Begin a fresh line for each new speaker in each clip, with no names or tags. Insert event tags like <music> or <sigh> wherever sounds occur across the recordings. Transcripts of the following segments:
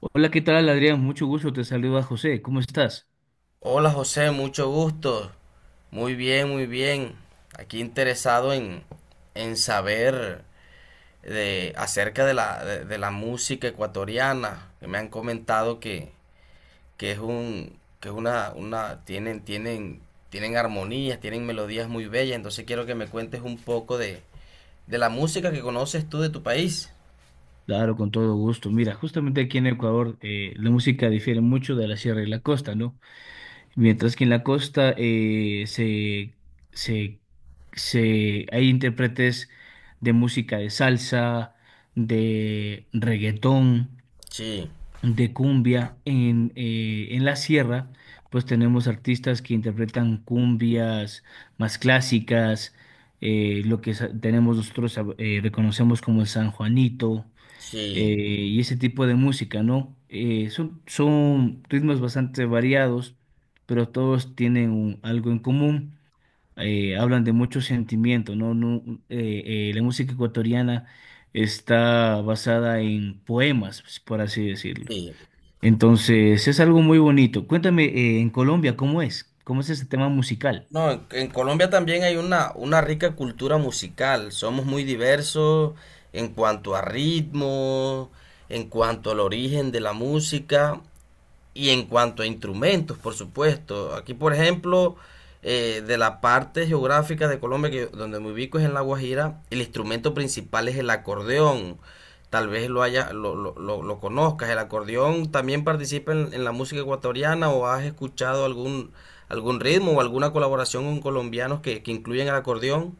Hola, ¿qué tal, Adrián? Mucho gusto, te saluda José. ¿Cómo estás?
Hola José, mucho gusto. Muy bien, muy bien. Aquí interesado en saber acerca de la música ecuatoriana, que me han comentado que es un, que es una, tienen, tienen, tienen armonías, tienen melodías muy bellas, entonces quiero que me cuentes un poco de la música que conoces tú de tu país.
Claro, con todo gusto. Mira, justamente aquí en Ecuador la música difiere mucho de la sierra y la costa, ¿no? Mientras que en la costa se, hay intérpretes de música de salsa, de reggaetón,
Sí,
de cumbia en la sierra, pues tenemos artistas que interpretan cumbias más clásicas. Tenemos nosotros, reconocemos como el San Juanito eh,
sí,
y ese tipo de música, ¿no? Son ritmos bastante variados, pero todos tienen algo en común. Hablan de mucho sentimiento, ¿no? La música ecuatoriana está basada en poemas, pues, por así decirlo.
sí.
Entonces, es algo muy bonito. Cuéntame, en Colombia, ¿cómo es? ¿Cómo es ese tema musical?
No, en Colombia también hay una rica cultura musical. Somos muy diversos en cuanto a ritmo, en cuanto al origen de la música. Y en cuanto a instrumentos, por supuesto, aquí por ejemplo, de la parte geográfica de Colombia, donde me ubico es en La Guajira, el instrumento principal es el acordeón. Tal vez lo, haya, lo conozcas. El acordeón también participa en la música ecuatoriana, o has escuchado algún ritmo o alguna colaboración con colombianos que incluyen el acordeón.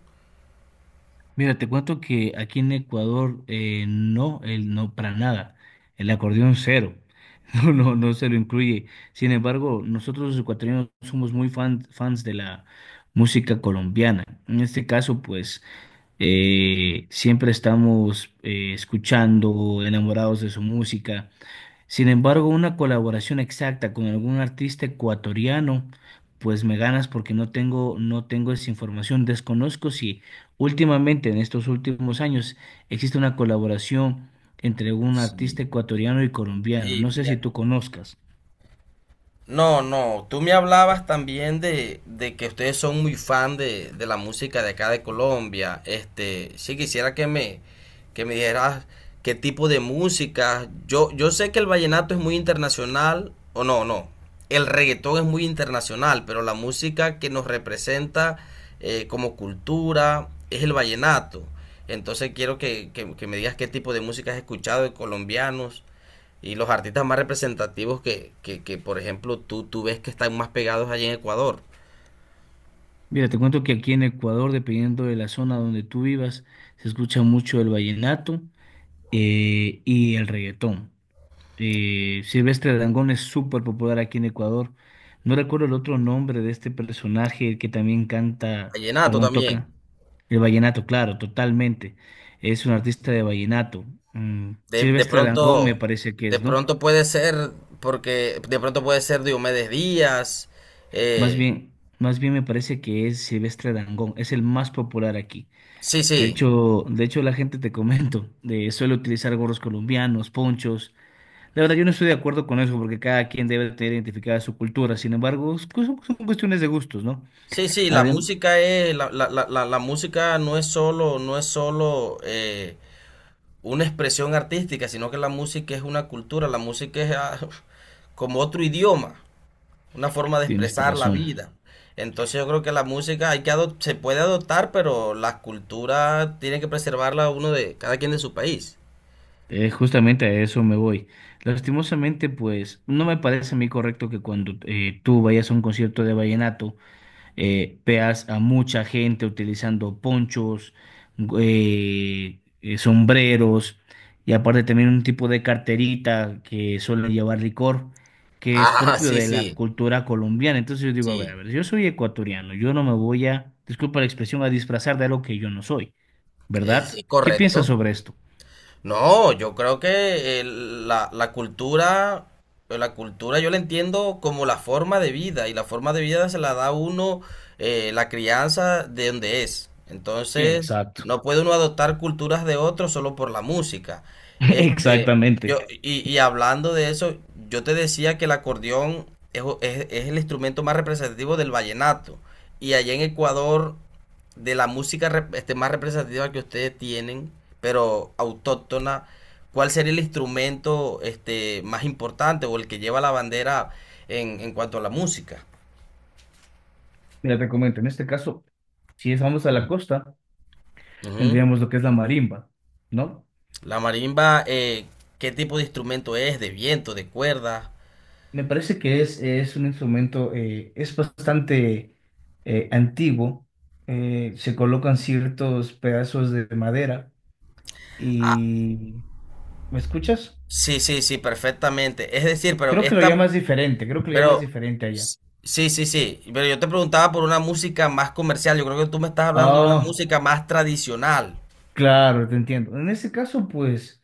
Mira, te cuento que aquí en Ecuador, no, para nada. El acordeón cero. <laughs> No, no, no se lo incluye. Sin embargo, nosotros los ecuatorianos somos muy fans de la música colombiana. En este caso, pues, siempre estamos escuchando, enamorados de su música. Sin embargo, una colaboración exacta con algún artista ecuatoriano, pues me ganas porque no tengo esa información. Desconozco si últimamente, en estos últimos años, existe una colaboración entre un artista
Sí.
ecuatoriano y colombiano.
Y
No sé si tú
mira,
conozcas.
no, no, tú me hablabas también de que ustedes son muy fan de la música de acá de Colombia. Sí quisiera que me dijeras qué tipo de música. Yo sé que el vallenato es muy internacional, o no, no. El reggaetón es muy internacional, pero la música que nos representa como cultura es el vallenato. Entonces quiero que me digas qué tipo de música has escuchado de colombianos y los artistas más representativos que, por ejemplo, tú ves que están más pegados allí en Ecuador.
Mira, te cuento que aquí en Ecuador, dependiendo de la zona donde tú vivas, se escucha mucho el vallenato y el reggaetón. Y Silvestre Dangond es súper popular aquí en Ecuador. No recuerdo el otro nombre de este personaje, el que también canta,
Vallenato
perdón,
también.
toca el vallenato, claro, totalmente. Es un artista de vallenato. Mm,
De
Silvestre Dangond me
pronto,
parece que
de
es, ¿no?
pronto puede ser, porque de pronto puede ser Diomedes Díaz.
Más
eh,
bien, más bien me parece que es Silvestre Dangond, es el más popular aquí.
sí,
De
sí.
hecho, de hecho la gente, te comento, suele utilizar gorros colombianos, ponchos. La verdad, yo no estoy de acuerdo con eso porque cada quien debe tener identificada su cultura. Sin embargo, son cuestiones de gustos, ¿no?
Sí, sí, la
Además,
música es, la- la- la- la música no es solo, una expresión artística, sino que la música es una cultura, la música es <laughs> como otro idioma. Una forma de
tienes
expresar la
razón.
vida. Entonces yo creo que la música hay que se puede adoptar, pero las culturas tienen que preservarla uno de cada quien de su país.
Justamente a eso me voy. Lastimosamente, pues, no me parece a mí correcto que cuando tú vayas a un concierto de vallenato, veas a mucha gente utilizando ponchos, sombreros y aparte también un tipo de carterita que suele llevar licor, que es
Ah,
propio
sí,
de la
sí,
cultura colombiana. Entonces yo digo, a
sí,
ver, yo soy ecuatoriano, yo no me voy a, disculpa la expresión, a disfrazar de algo que yo no soy, ¿verdad?
es
¿Qué piensas
correcto.
sobre esto?
No, yo creo que la cultura yo la entiendo como la forma de vida, y la forma de vida se la da uno, la crianza de donde es. Entonces,
Exacto.
no puede uno adoptar culturas de otros solo por la música.
<laughs>
Este,
Exactamente.
y hablando de eso, yo te decía que el acordeón es el instrumento más representativo del vallenato. Y allá en Ecuador, de la música más representativa que ustedes tienen, pero autóctona, ¿cuál sería el instrumento más importante, o el que lleva la bandera en cuanto a la música?
Mira, te comento, en este caso, si es- vamos a la costa,
Ujú.
tendríamos lo que es la marimba, ¿no?
La marimba, ¿qué tipo de instrumento es? ¿De viento, de cuerda?
Me parece que es un instrumento, es bastante antiguo. Se colocan ciertos pedazos de madera
Ah,
y... ¿Me escuchas?
sí, sí, sí, perfectamente. Es decir, pero
Creo que lo llamas diferente, creo que lo llamas
pero
diferente allá.
sí, sí, sí. Pero yo te preguntaba por una música más comercial. Yo creo que tú me estás hablando de una
Ah,
música más tradicional.
claro, te entiendo. En ese caso, pues...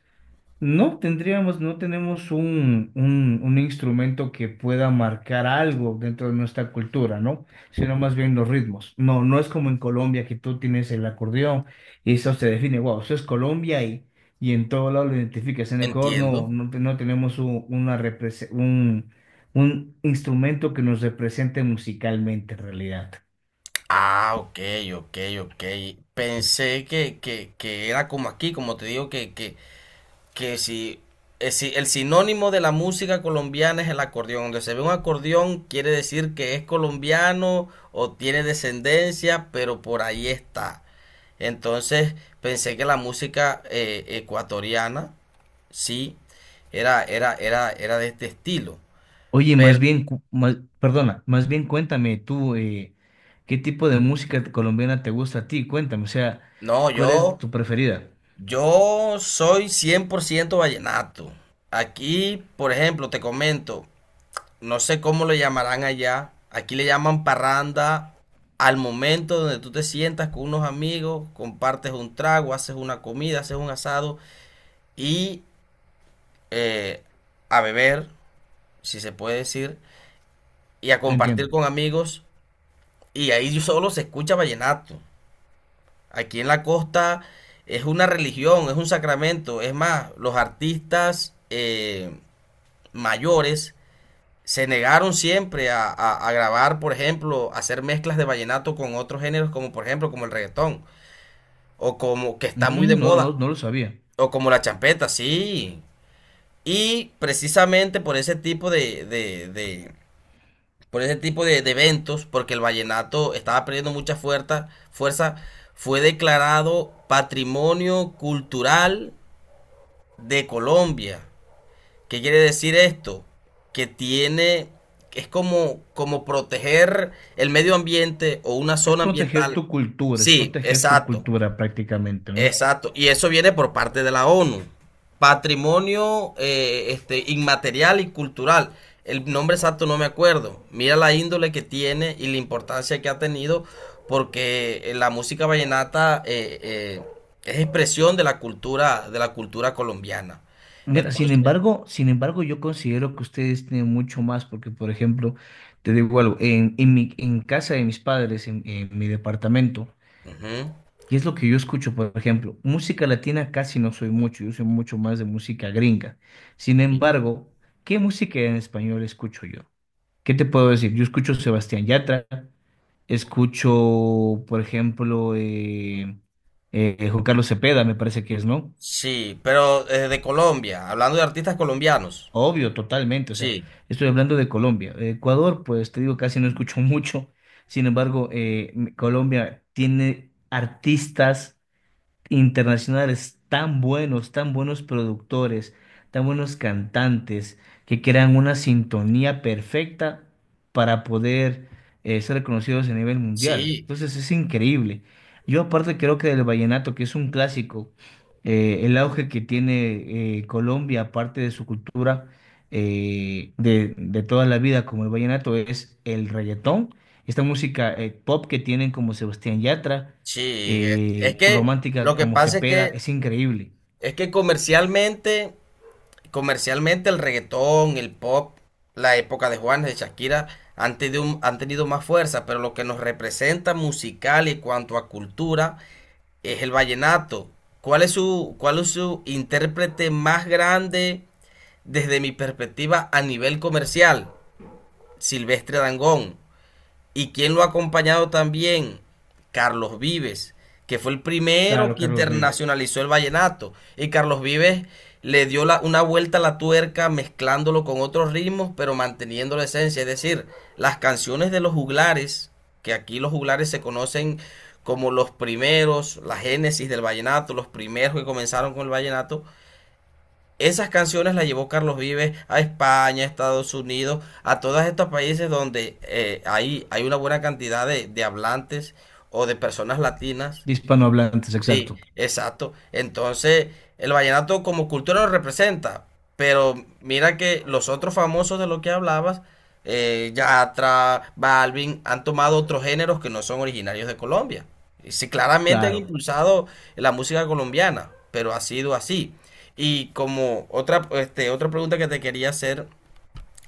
No tenemos un instrumento que pueda marcar algo dentro de nuestra cultura, ¿no? Sino más bien los ritmos. No, no es como en Colombia que tú tienes el acordeón y eso se define, wow, eso es Colombia y en todo lado lo identificas. En Ecuador no,
Entiendo.
no, no tenemos un instrumento que nos represente musicalmente en realidad.
Ah, ok, ok, ok. Pensé que era como aquí, como te digo, que si si el sinónimo de la música colombiana es el acordeón. Donde se ve un acordeón quiere decir que es colombiano o tiene descendencia, pero por ahí está. Entonces pensé que la música ecuatoriana, sí, era de este estilo.
Oye, más
Pero
bien, perdona, más bien cuéntame tú, ¿qué tipo de música colombiana te gusta a ti? Cuéntame, o sea,
no,
¿cuál es
yo...
tu preferida?
Yo soy 100% vallenato. Aquí, por ejemplo, te comento, no sé cómo lo llamarán allá. Aquí le llaman parranda al momento donde tú te sientas con unos amigos, compartes un trago, haces una comida, haces un asado y eh, a beber, si se puede decir, y a
No
compartir
entiendo.
con amigos. Y ahí <laughs> solo se escucha vallenato. Aquí en la costa es una religión, es un sacramento. Es más, los artistas... mayores se negaron siempre a grabar, por ejemplo, hacer mezclas de vallenato con otros géneros, como por ejemplo, como el reggaetón, o como que está muy de
Mm, no,
moda,
no lo sabía.
o como la champeta, sí. Y precisamente por ese tipo por ese tipo de eventos, porque el vallenato estaba perdiendo mucha fuerza, fue declarado Patrimonio Cultural de Colombia. ¿Qué quiere decir esto? Que tiene, es como proteger el medio ambiente o una
Es
zona
proteger
ambiental.
tu cultura, es
Sí,
proteger tu
exacto,
cultura prácticamente, ¿no?
exacto. Y eso viene por parte de la ONU. Patrimonio inmaterial y cultural. El nombre exacto no me acuerdo. Mira la índole que tiene y la importancia que ha tenido, porque la música vallenata es expresión de la cultura colombiana.
Mira, sin
Entonces,
embargo, sin embargo, yo considero que ustedes tienen mucho más, porque, por ejemplo, te digo algo, en mi, en casa de mis padres, en mi departamento,
ujú,
y es lo que yo escucho, por ejemplo, música latina casi no soy mucho, yo soy mucho más de música gringa. Sin
sí.
embargo, ¿qué música en español escucho yo? ¿Qué te puedo decir? Yo escucho Sebastián Yatra, escucho, por ejemplo, Juan Carlos Cepeda, me parece que es, ¿no?
Sí, pero de Colombia, hablando de artistas colombianos.
Obvio, totalmente, o sea,
Sí,
estoy hablando de Colombia. Ecuador, pues te digo, casi no escucho <laughs> mucho. Sin embargo, Colombia tiene artistas internacionales tan buenos productores, tan buenos cantantes, que crean una sintonía perfecta para poder ser reconocidos a nivel mundial.
sí,
Entonces es increíble. Yo aparte creo que del vallenato, que es un clásico, el auge que tiene Colombia, aparte de su cultura de toda la vida, como el vallenato, es el reggaetón, esta música pop que tienen como Sebastián Yatra,
sí. Es que
romántica
lo que
como
pasa es
Cepeda,
que
es increíble.
comercialmente el reggaetón, el pop, la época de Juanes, de Shakira, han tenido, han tenido más fuerza, pero lo que nos representa musical y cuanto a cultura es el vallenato. ¿Cuál es su intérprete más grande desde mi perspectiva a nivel comercial? Silvestre Dangond. ¿Y quién lo ha acompañado también? Carlos Vives, que fue el primero
Claro,
que
Carlos Vives.
internacionalizó el vallenato. Y Carlos Vives le dio una vuelta a la tuerca mezclándolo con otros ritmos, pero manteniendo la esencia. Es decir, las canciones de los juglares, que aquí los juglares se conocen como los primeros, la génesis del vallenato, los primeros que comenzaron con el vallenato, esas canciones las llevó Carlos Vives a España, a Estados Unidos, a todos estos países donde hay una buena cantidad de hablantes o de personas latinas.
De hispanohablantes,
Sí,
exacto.
exacto. Entonces, el vallenato como cultura lo representa, pero mira que los otros famosos de los que hablabas, Yatra, Balvin, han tomado otros géneros que no son originarios de Colombia. Y sí, claramente han
Claro.
impulsado la música colombiana, pero ha sido así. Y como otra pregunta que te quería hacer.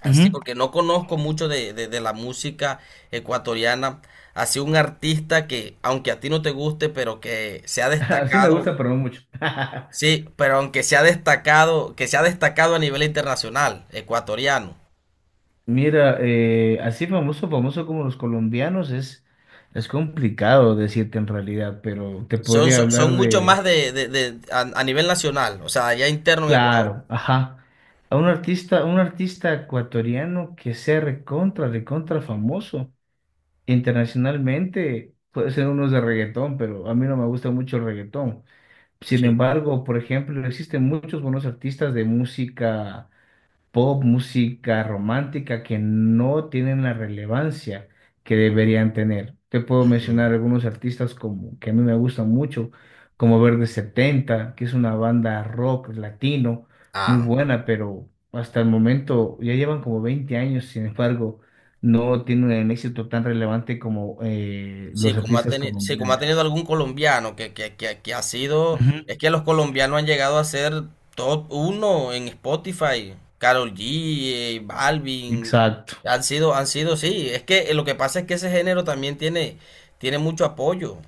Así,
Ujú.
porque no conozco mucho de la música ecuatoriana. Así, un artista que, aunque a ti no te guste, pero que se ha
<laughs> Así me
destacado,
gusta, pero no mucho.
sí, pero aunque se ha destacado, que se ha destacado a nivel internacional, ecuatoriano.
Mira, así famoso, famoso como los colombianos es complicado decirte en realidad, pero te podría
Son
hablar
mucho más
de,
a nivel nacional, o sea, allá interno en Ecuador.
claro, ajá, a un artista ecuatoriano que sea recontra, recontra famoso internacionalmente, puede ser uno de reggaetón, pero a mí no me gusta mucho el reggaetón. Sin
Sí.
embargo, por ejemplo, existen muchos buenos artistas de música pop, música romántica, que no tienen la relevancia que deberían tener. Te puedo
Ujú.
mencionar algunos artistas como, que a mí me gustan mucho, como Verde setenta, que es una banda rock latino muy
Ah.
buena, pero hasta el momento ya llevan como 20 años, sin embargo, no tienen un éxito tan relevante como
Sí,
los
como ha
artistas
tenido, sí, como ha
colombianos.
tenido algún colombiano que ha sido, es
Ujú.
que los colombianos han llegado a ser top uno en Spotify, Karol G, Balvin,
Exacto.
han sido, sí, es que lo que pasa es que ese género también tiene mucho apoyo,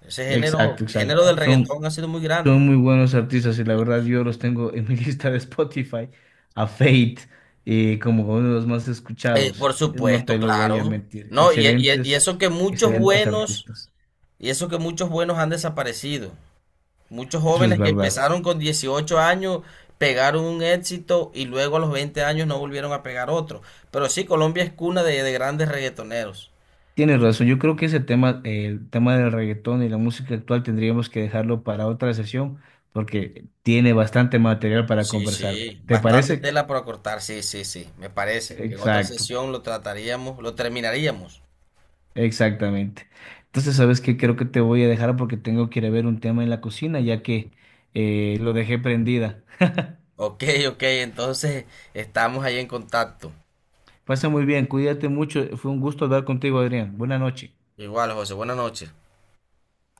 ese género,
Exacto,
el género
exacto.
del
Son,
reggaetón ha sido muy grande.
son muy buenos artistas y la verdad yo los tengo en mi <laughs> lista de Spotify, a Fate, como uno de los más escuchados.
Por
No
supuesto,
te lo voy a
claro.
mentir.
No,
Excelentes, excelentes artistas.
y eso que muchos buenos han desaparecido. Muchos
Eso es
jóvenes que
verdad.
empezaron con 18 años pegaron un éxito y luego, a los 20 años, no volvieron a pegar otro. Pero sí, Colombia es cuna de grandes reggaetoneros.
Tienes razón. Yo creo que ese tema, el tema del reggaetón y la música actual tendríamos que dejarlo para otra sesión porque tiene bastante material para
Sí,
conversar.
sí,
¿Te
bastante
parece?
tela para cortar, sí, sí, sí, me parece que en otra
Exacto.
sesión lo trataríamos, lo terminaríamos.
Exactamente. Entonces, ¿sabes qué? Creo que te voy a dejar porque tengo que ir a ver un tema en la cocina, ya que lo dejé prendida.
Ok, ok, entonces estamos ahí en contacto.
Pasa muy bien, cuídate mucho. Fue un gusto hablar contigo, Adrián. Buenas noches.
Igual, José, buenas noches.